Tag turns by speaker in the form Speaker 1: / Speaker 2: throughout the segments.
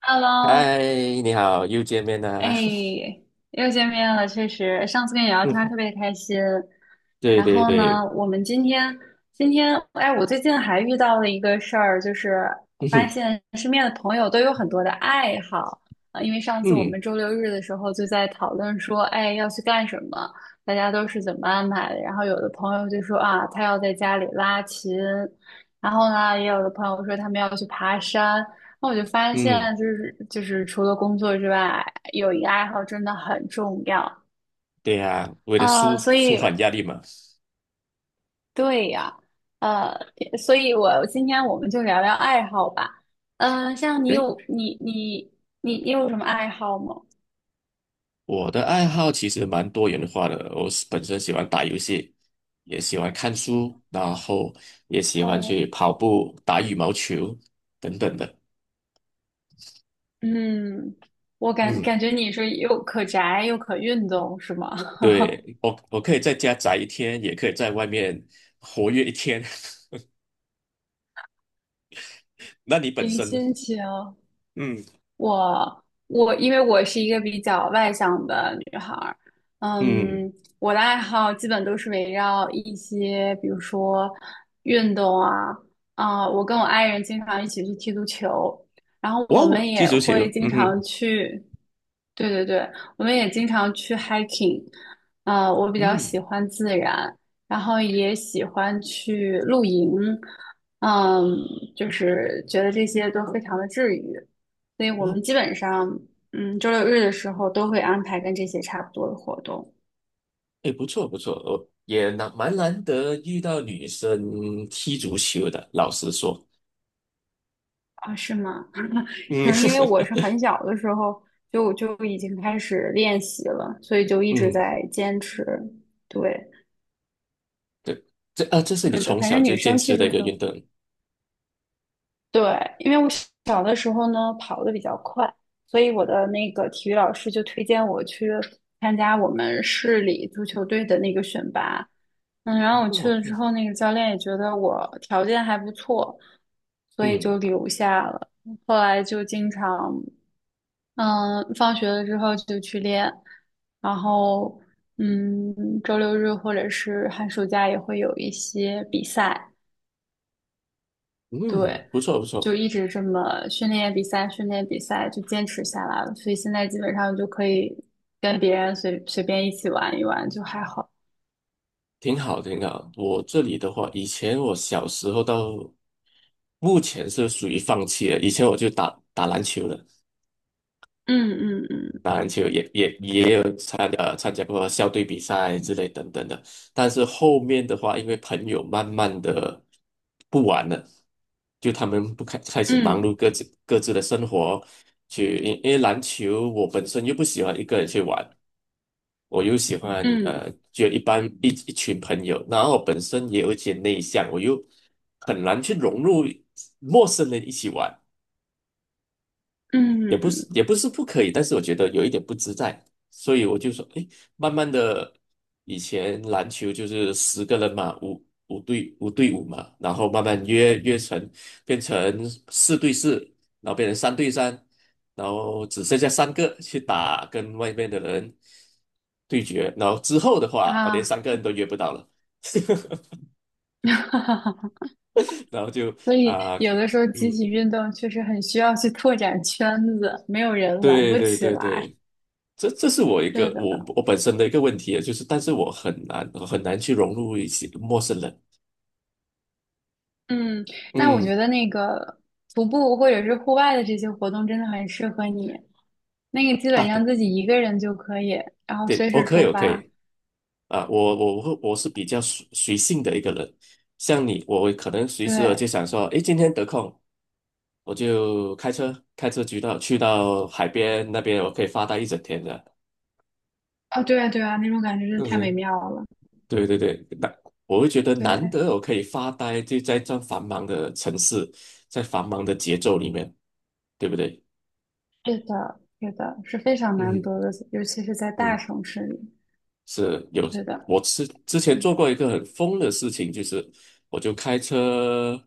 Speaker 1: Hello,
Speaker 2: 嗨，你好，又见面啦！
Speaker 1: 哎，又见面了，确实，上次跟你聊天儿
Speaker 2: 嗯，
Speaker 1: 特别开心。
Speaker 2: 对
Speaker 1: 然
Speaker 2: 对
Speaker 1: 后呢，
Speaker 2: 对。
Speaker 1: 我们今天，哎，我最近还遇到了一个事儿，就是我
Speaker 2: 嗯
Speaker 1: 发
Speaker 2: 哼。
Speaker 1: 现身边的朋友都有很多的爱好啊，因为上次我
Speaker 2: 嗯
Speaker 1: 们周六日的时候就在讨论说，哎，要去干什么，大家都是怎么安排的。然后有的朋友就说啊，他要在家里拉琴，然后呢，也有的朋友说他们要去爬山。那我就发
Speaker 2: 嗯。
Speaker 1: 现，就是除了工作之外，有一个爱好真的很重要。
Speaker 2: 对呀，为了舒
Speaker 1: 啊，所
Speaker 2: 舒
Speaker 1: 以
Speaker 2: 缓压力嘛。
Speaker 1: 对呀，呃，所以今天我们就聊聊爱好吧。嗯、像你
Speaker 2: 对，
Speaker 1: 有你你你你有什么爱好吗？
Speaker 2: 我的爱好其实蛮多元化的，我是本身喜欢打游戏，也喜欢看书，然后也喜欢
Speaker 1: 嗯
Speaker 2: 去跑步、打羽毛球等等的。
Speaker 1: 嗯，我感
Speaker 2: 嗯，
Speaker 1: 感觉你是又可宅又可运动，是吗？
Speaker 2: 对，我可以在家宅一天，也可以在外面活跃一天。那你本
Speaker 1: 零
Speaker 2: 身呢？
Speaker 1: 心情。
Speaker 2: 嗯
Speaker 1: 我因为我是一个比较外向的女孩儿，
Speaker 2: 嗯。
Speaker 1: 嗯，我的爱好基本都是围绕一些，比如说运动啊，啊、我跟我爱人经常一起去踢足球，然后
Speaker 2: 哇
Speaker 1: 我
Speaker 2: 哦，
Speaker 1: 们
Speaker 2: 踢
Speaker 1: 也
Speaker 2: 足球。
Speaker 1: 会经
Speaker 2: 嗯哼。
Speaker 1: 常去，对对对，我们也经常去 hiking,啊、我比较
Speaker 2: 嗯。
Speaker 1: 喜欢自然，然后也喜欢去露营，嗯，就是觉得这些都非常的治愈。所以我
Speaker 2: 哇
Speaker 1: 们
Speaker 2: 哦。
Speaker 1: 基本上，嗯，周六日的时候都会安排跟这些差不多的活动
Speaker 2: 哎，不错不错，我也蛮难得遇到女生踢足球的，老实说。
Speaker 1: 啊，是吗？可
Speaker 2: 嗯
Speaker 1: 能因为我是 很小的时候就已经开始练习了，所以就一直
Speaker 2: 嗯，
Speaker 1: 在坚持。对，
Speaker 2: 对，这是你
Speaker 1: 是的，
Speaker 2: 从
Speaker 1: 反
Speaker 2: 小
Speaker 1: 正
Speaker 2: 就
Speaker 1: 女
Speaker 2: 坚
Speaker 1: 生
Speaker 2: 持
Speaker 1: 踢
Speaker 2: 的
Speaker 1: 足
Speaker 2: 一个
Speaker 1: 球
Speaker 2: 运动。
Speaker 1: 对，因为我小的时候呢跑得比较快，所以我的那个体育老师就推荐我去参加我们市里足球队的那个选拔。嗯，然后我去
Speaker 2: 哦，
Speaker 1: 了
Speaker 2: 嗯
Speaker 1: 之后，那个教练也觉得我条件还不错，所以
Speaker 2: 嗯。
Speaker 1: 就留下了。后来就经常，嗯，放学了之后就去练，然后，嗯，周六日或者是寒暑假也会有一些比赛。对，
Speaker 2: 嗯不错不
Speaker 1: 就
Speaker 2: 错，
Speaker 1: 一直这么训练比赛，训练比赛就坚持下来了，所以现在基本上就可以跟别人随随便一起玩一玩，就还好。
Speaker 2: 挺好挺好。我这里的话，以前我小时候到目前是属于放弃了，以前我就打打篮球了。
Speaker 1: 嗯嗯
Speaker 2: 打篮球也有参加过校队比赛之类等等的，但是后面的话，因为朋友慢慢的不玩了，就他们不开开始忙
Speaker 1: 嗯
Speaker 2: 碌各自的生活，因为篮球我本身又不喜欢一个人去玩，我又喜欢
Speaker 1: 嗯
Speaker 2: 就一般一群朋友，然后我本身也有一些内向，我又很难去融入陌生人一起玩。也
Speaker 1: 嗯
Speaker 2: 不是
Speaker 1: 嗯
Speaker 2: 也不是不可以，但是我觉得有一点不自在，所以我就说，哎，慢慢的，以前篮球就是10个人嘛，五对五嘛，然后慢慢约约成变成4对4，然后变成3对3，然后只剩下三个去打跟外面的人对决，然后之后的话，我连
Speaker 1: 啊，
Speaker 2: 3个人都约不到了。然后就
Speaker 1: 所以
Speaker 2: 啊，
Speaker 1: 有的时候集
Speaker 2: 嗯，
Speaker 1: 体运动确实很需要去拓展圈子，没有人玩
Speaker 2: 对
Speaker 1: 不
Speaker 2: 对
Speaker 1: 起
Speaker 2: 对
Speaker 1: 来。
Speaker 2: 对。这是我一
Speaker 1: 是
Speaker 2: 个我
Speaker 1: 的。
Speaker 2: 我本身的一个问题，啊，就是但是我很难去融入一些陌生人。
Speaker 1: 嗯，那我
Speaker 2: 嗯。
Speaker 1: 觉得那个徒步或者是户外的这些活动真的很适合你，那个基
Speaker 2: 啊，
Speaker 1: 本
Speaker 2: 对
Speaker 1: 上自己一个人就可以，然后
Speaker 2: 对，
Speaker 1: 随
Speaker 2: 我
Speaker 1: 时
Speaker 2: 可以
Speaker 1: 出
Speaker 2: 我可
Speaker 1: 发。
Speaker 2: 以啊，我是比较随性的一个人，像你，我可能随时我
Speaker 1: 对，
Speaker 2: 就想说，诶，今天得空，我就开车去到海边那边，我可以发呆一整天的。
Speaker 1: 啊，对啊，对啊，那种感觉真的太美
Speaker 2: 嗯，
Speaker 1: 妙了。
Speaker 2: 对对对。那我会觉得难
Speaker 1: 对，
Speaker 2: 得我可以发呆，就在这样繁忙的城市，在繁忙的节奏里面，对不对？
Speaker 1: 是的，是的，是非常难
Speaker 2: 嗯。
Speaker 1: 得的，尤其是在大
Speaker 2: 嗯，
Speaker 1: 城市里。
Speaker 2: 是有，
Speaker 1: 是的，
Speaker 2: 我之前做过一个很疯的事情，就是我就开车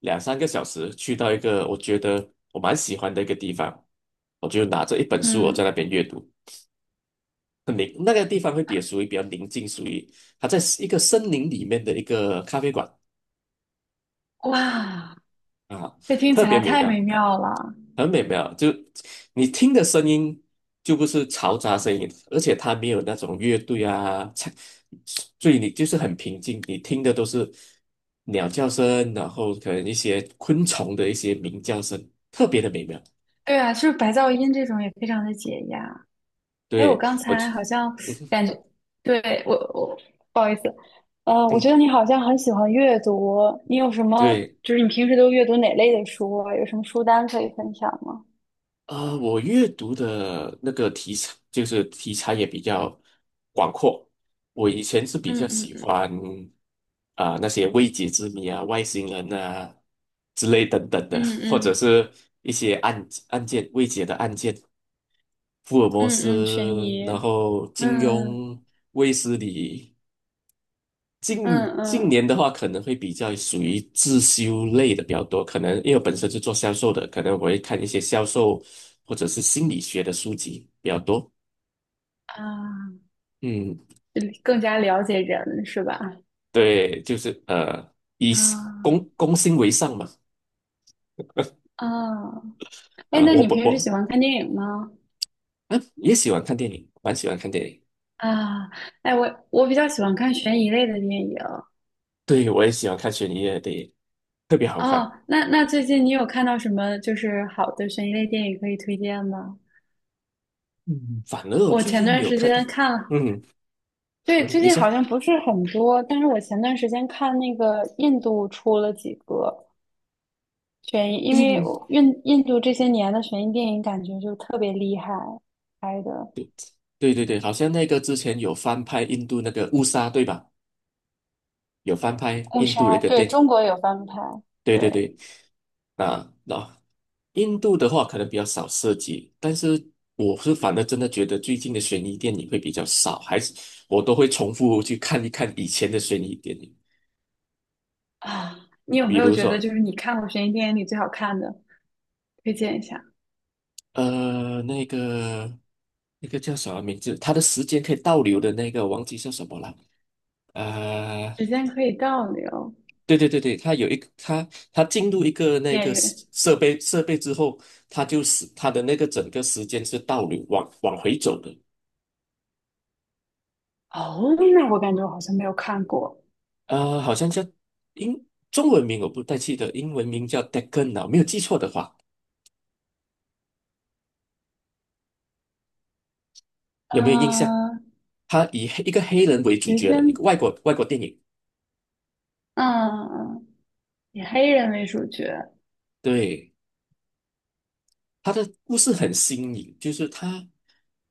Speaker 2: 两三个小时去到一个我觉得我蛮喜欢的一个地方，我就拿着一本书，我在那
Speaker 1: 嗯，
Speaker 2: 边阅读，那个地方会比较属于比较宁静，属于它在一个森林里面的一个咖啡馆
Speaker 1: 哇，
Speaker 2: 啊。
Speaker 1: 这听
Speaker 2: 特
Speaker 1: 起
Speaker 2: 别
Speaker 1: 来
Speaker 2: 美
Speaker 1: 太美
Speaker 2: 妙。
Speaker 1: 妙了。
Speaker 2: 很美妙，就你听的声音就不是嘈杂声音，而且它没有那种乐队啊，所以你就是很平静，你听的都是鸟叫声，然后可能一些昆虫的一些鸣叫声，特别的美妙。
Speaker 1: 对啊，就是白噪音这种也非常的解压。哎，我
Speaker 2: 对，
Speaker 1: 刚才好像
Speaker 2: 嗯
Speaker 1: 感觉，对，我不好意思，我
Speaker 2: 嗯，
Speaker 1: 觉得你好像很喜欢阅读，你有什么，
Speaker 2: 对，
Speaker 1: 就是你平时都阅读哪类的书啊？有什么书单可以分享吗？
Speaker 2: 我阅读的那个题材也比较广阔。我以前是比
Speaker 1: 嗯
Speaker 2: 较
Speaker 1: 嗯
Speaker 2: 喜
Speaker 1: 嗯
Speaker 2: 欢啊，那些未解之谜啊、外星人啊之类等等的，
Speaker 1: 嗯
Speaker 2: 或者
Speaker 1: 嗯
Speaker 2: 是一些案件未解的案件，福尔摩
Speaker 1: 嗯嗯，悬
Speaker 2: 斯，
Speaker 1: 疑，
Speaker 2: 然后金
Speaker 1: 嗯
Speaker 2: 庸、卫斯理。近
Speaker 1: 嗯
Speaker 2: 近年
Speaker 1: 嗯，
Speaker 2: 的话，可能会比较属于自修类的比较多，可能因为我本身是做销售的，可能我会看一些销售或者是心理学的书籍比较多。
Speaker 1: 啊，
Speaker 2: 嗯，
Speaker 1: 更加了解人是吧？
Speaker 2: 对，就是以公
Speaker 1: 啊
Speaker 2: 公心为上嘛。
Speaker 1: 啊，哎，
Speaker 2: 啊，
Speaker 1: 那
Speaker 2: 我
Speaker 1: 你
Speaker 2: 不
Speaker 1: 平时
Speaker 2: 我
Speaker 1: 喜欢看电影吗？
Speaker 2: 嗯也喜欢看电影，蛮喜欢看电影。
Speaker 1: 啊，哎，我比较喜欢看悬疑类的电影，
Speaker 2: 对，我也喜欢看悬疑类的电影，特别好
Speaker 1: 哦，
Speaker 2: 看。
Speaker 1: 那那最近你有看到什么就是好的悬疑类电影可以推荐吗？
Speaker 2: 嗯，反而我
Speaker 1: 我
Speaker 2: 最
Speaker 1: 前
Speaker 2: 近没
Speaker 1: 段
Speaker 2: 有
Speaker 1: 时
Speaker 2: 看到。
Speaker 1: 间看了，
Speaker 2: 嗯，
Speaker 1: 对，
Speaker 2: 你
Speaker 1: 最
Speaker 2: 你
Speaker 1: 近
Speaker 2: 说，
Speaker 1: 好像不是很多，但是我前段时间看那个印度出了几个悬疑，因为
Speaker 2: 印，
Speaker 1: 我印度这些年的悬疑电影感觉就特别厉害拍的
Speaker 2: 对对对对，好像那个之前有翻拍印度那个《误杀》，对吧？有翻拍
Speaker 1: 《误
Speaker 2: 印度的一
Speaker 1: 杀》，
Speaker 2: 个
Speaker 1: 对，
Speaker 2: 电，
Speaker 1: 中国有翻拍，
Speaker 2: 对对
Speaker 1: 对
Speaker 2: 对。啊，那印度的话可能比较少涉及，但是我是反而真的觉得最近的悬疑电影会比较少，还是我都会重复去看一看以前的悬疑电影，
Speaker 1: 啊，你有
Speaker 2: 比
Speaker 1: 没有
Speaker 2: 如
Speaker 1: 觉得
Speaker 2: 说
Speaker 1: 就是你看过悬疑电影里最好看的？推荐一下，
Speaker 2: 呃那个那个叫什么名字，他的时间可以倒流的那个，忘记叫什么了。呃
Speaker 1: 时间可以倒流，
Speaker 2: 对对对对，他有一个它进入一个那
Speaker 1: 演
Speaker 2: 个设
Speaker 1: 员。
Speaker 2: 设备设备之后，他就是他的那个整个时间是倒流往回走的。
Speaker 1: 哦，那我感觉我好像没有看过。
Speaker 2: 啊，好像叫英中文名我不太记得，英文名叫 Deccan 啊，没有记错的话，有没有印象？
Speaker 1: 呃，
Speaker 2: 他以一个黑人为主
Speaker 1: 谁
Speaker 2: 角的一
Speaker 1: 先？
Speaker 2: 个外国电影。
Speaker 1: 嗯，以黑人为主角。
Speaker 2: 对，他的故事很新颖，就是他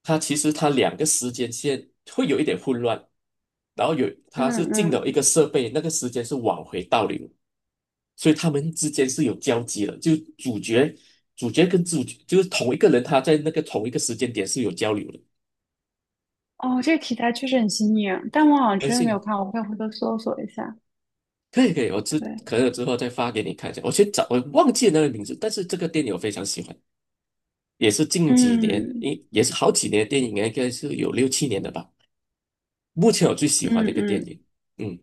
Speaker 2: 他其实2个时间线会有一点混乱，然后有他是
Speaker 1: 嗯
Speaker 2: 进了一个
Speaker 1: 嗯。
Speaker 2: 设备，那个时间是往回倒流。所以他们之间是有交集的，就主角跟主角就是同一个人，他在那个同一个时间点是有交流的。
Speaker 1: 哦，这个题材确实很新颖，但我好像
Speaker 2: 但
Speaker 1: 真的没
Speaker 2: 是
Speaker 1: 有看，我以回头搜索一下。
Speaker 2: 可以可以，我之
Speaker 1: 对，
Speaker 2: 可能我之后再发给你看一下。我去找，我忘记了那个名字，但是这个电影我非常喜欢，也是近几年，
Speaker 1: 嗯
Speaker 2: 也是好几年的电影，应该是有六七年的吧。目前我最喜欢的一
Speaker 1: 嗯
Speaker 2: 个电
Speaker 1: 嗯
Speaker 2: 影。嗯，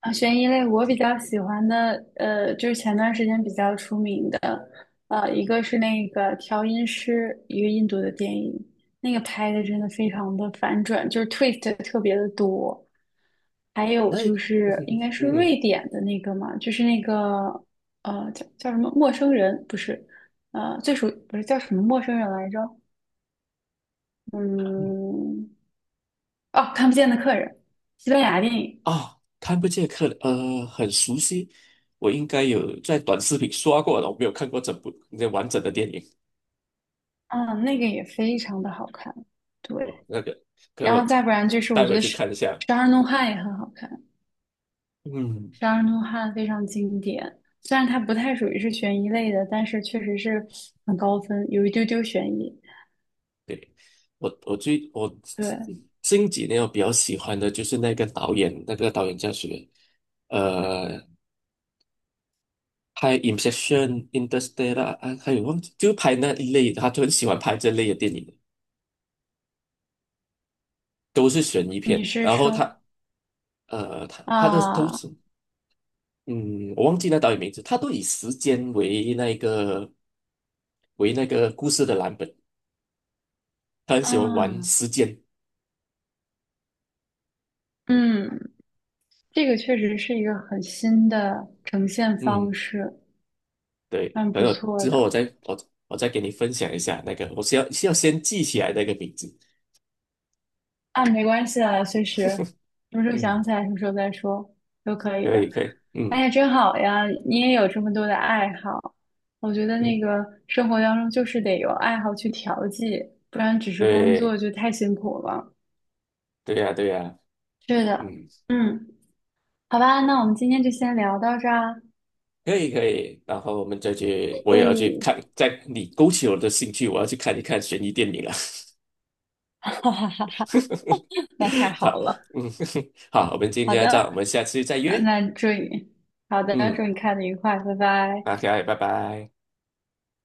Speaker 1: 啊，悬疑类我比较喜欢的，呃，就是前段时间比较出名的，呃，一个是那个《调音师》，一个印度的电影，那个拍的真的非常的反转，就是 twist 特别的多。还有
Speaker 2: 哎，
Speaker 1: 就是应
Speaker 2: 嗯
Speaker 1: 该是
Speaker 2: 嗯
Speaker 1: 瑞典的那个嘛，就是那个呃叫什么陌生人，不是，呃最熟不是叫什么陌生人来着？
Speaker 2: 嗯。
Speaker 1: 嗯，哦，看不见的客人，西班牙电影，
Speaker 2: 啊，看不见客人呃，很熟悉，我应该有在短视频刷过了，我没有看过整部那完整的电影。
Speaker 1: 嗯，那个也非常的好看，
Speaker 2: 我
Speaker 1: 对。
Speaker 2: 那个可能
Speaker 1: 然
Speaker 2: 我
Speaker 1: 后再不然就是我
Speaker 2: 待
Speaker 1: 觉
Speaker 2: 会
Speaker 1: 得
Speaker 2: 去
Speaker 1: 是
Speaker 2: 看一下。
Speaker 1: 《十二怒汉》也很好看，
Speaker 2: 嗯，
Speaker 1: 《十二怒汉》非常经典。虽然它不太属于是悬疑类的，但是确实是很高分，有一丢丢悬疑。
Speaker 2: 对，我
Speaker 1: 对，
Speaker 2: 近几年我比较喜欢的就是那个导演，那个导演叫什么？呃，拍《Inception》《Interstellar》啊，还有忘记，就拍那一类的，他就很喜欢拍这类的电影，都是悬疑
Speaker 1: 你
Speaker 2: 片。
Speaker 1: 是
Speaker 2: 然后
Speaker 1: 说
Speaker 2: 他呃，他他的都
Speaker 1: 啊
Speaker 2: 是嗯，我忘记那导演名字，他都以时间为那个为那个故事的蓝本，他很喜欢玩
Speaker 1: 啊
Speaker 2: 时间。
Speaker 1: 嗯，这个确实是一个很新的呈现方
Speaker 2: 嗯。
Speaker 1: 式，
Speaker 2: 对，
Speaker 1: 蛮
Speaker 2: 等
Speaker 1: 不
Speaker 2: 我
Speaker 1: 错
Speaker 2: 之后
Speaker 1: 的。
Speaker 2: 我我再给你分享一下那个，我是要先记起来那个名字。
Speaker 1: 啊，没关系啊，随时，什么时候想
Speaker 2: 嗯，
Speaker 1: 起来什么时候再说都可以
Speaker 2: 可
Speaker 1: 的。
Speaker 2: 以可以，
Speaker 1: 哎
Speaker 2: 嗯
Speaker 1: 呀，真好呀，你也有这么多的爱好。我觉得
Speaker 2: 嗯，
Speaker 1: 那个生活当中就是得有爱好去调剂，不然只是工
Speaker 2: 对，
Speaker 1: 作就太辛苦了。
Speaker 2: 对呀对呀，
Speaker 1: 是的，
Speaker 2: 嗯，
Speaker 1: 嗯，好吧，那我们今天就先聊到这儿啊。
Speaker 2: 可以可以。然后我们再去，我也要
Speaker 1: 诶，
Speaker 2: 去看，在你勾起我的兴趣，我要去看一看悬疑电影了。
Speaker 1: 哈哈哈哈，那太好
Speaker 2: 好，
Speaker 1: 了。
Speaker 2: 嗯，好，我们今
Speaker 1: 好
Speaker 2: 天就到这，
Speaker 1: 的，
Speaker 2: 我们下次再
Speaker 1: 嗯
Speaker 2: 约。
Speaker 1: 那祝你，好的，祝
Speaker 2: 嗯，
Speaker 1: 你看得愉快，拜拜。
Speaker 2: 那 OK，拜拜。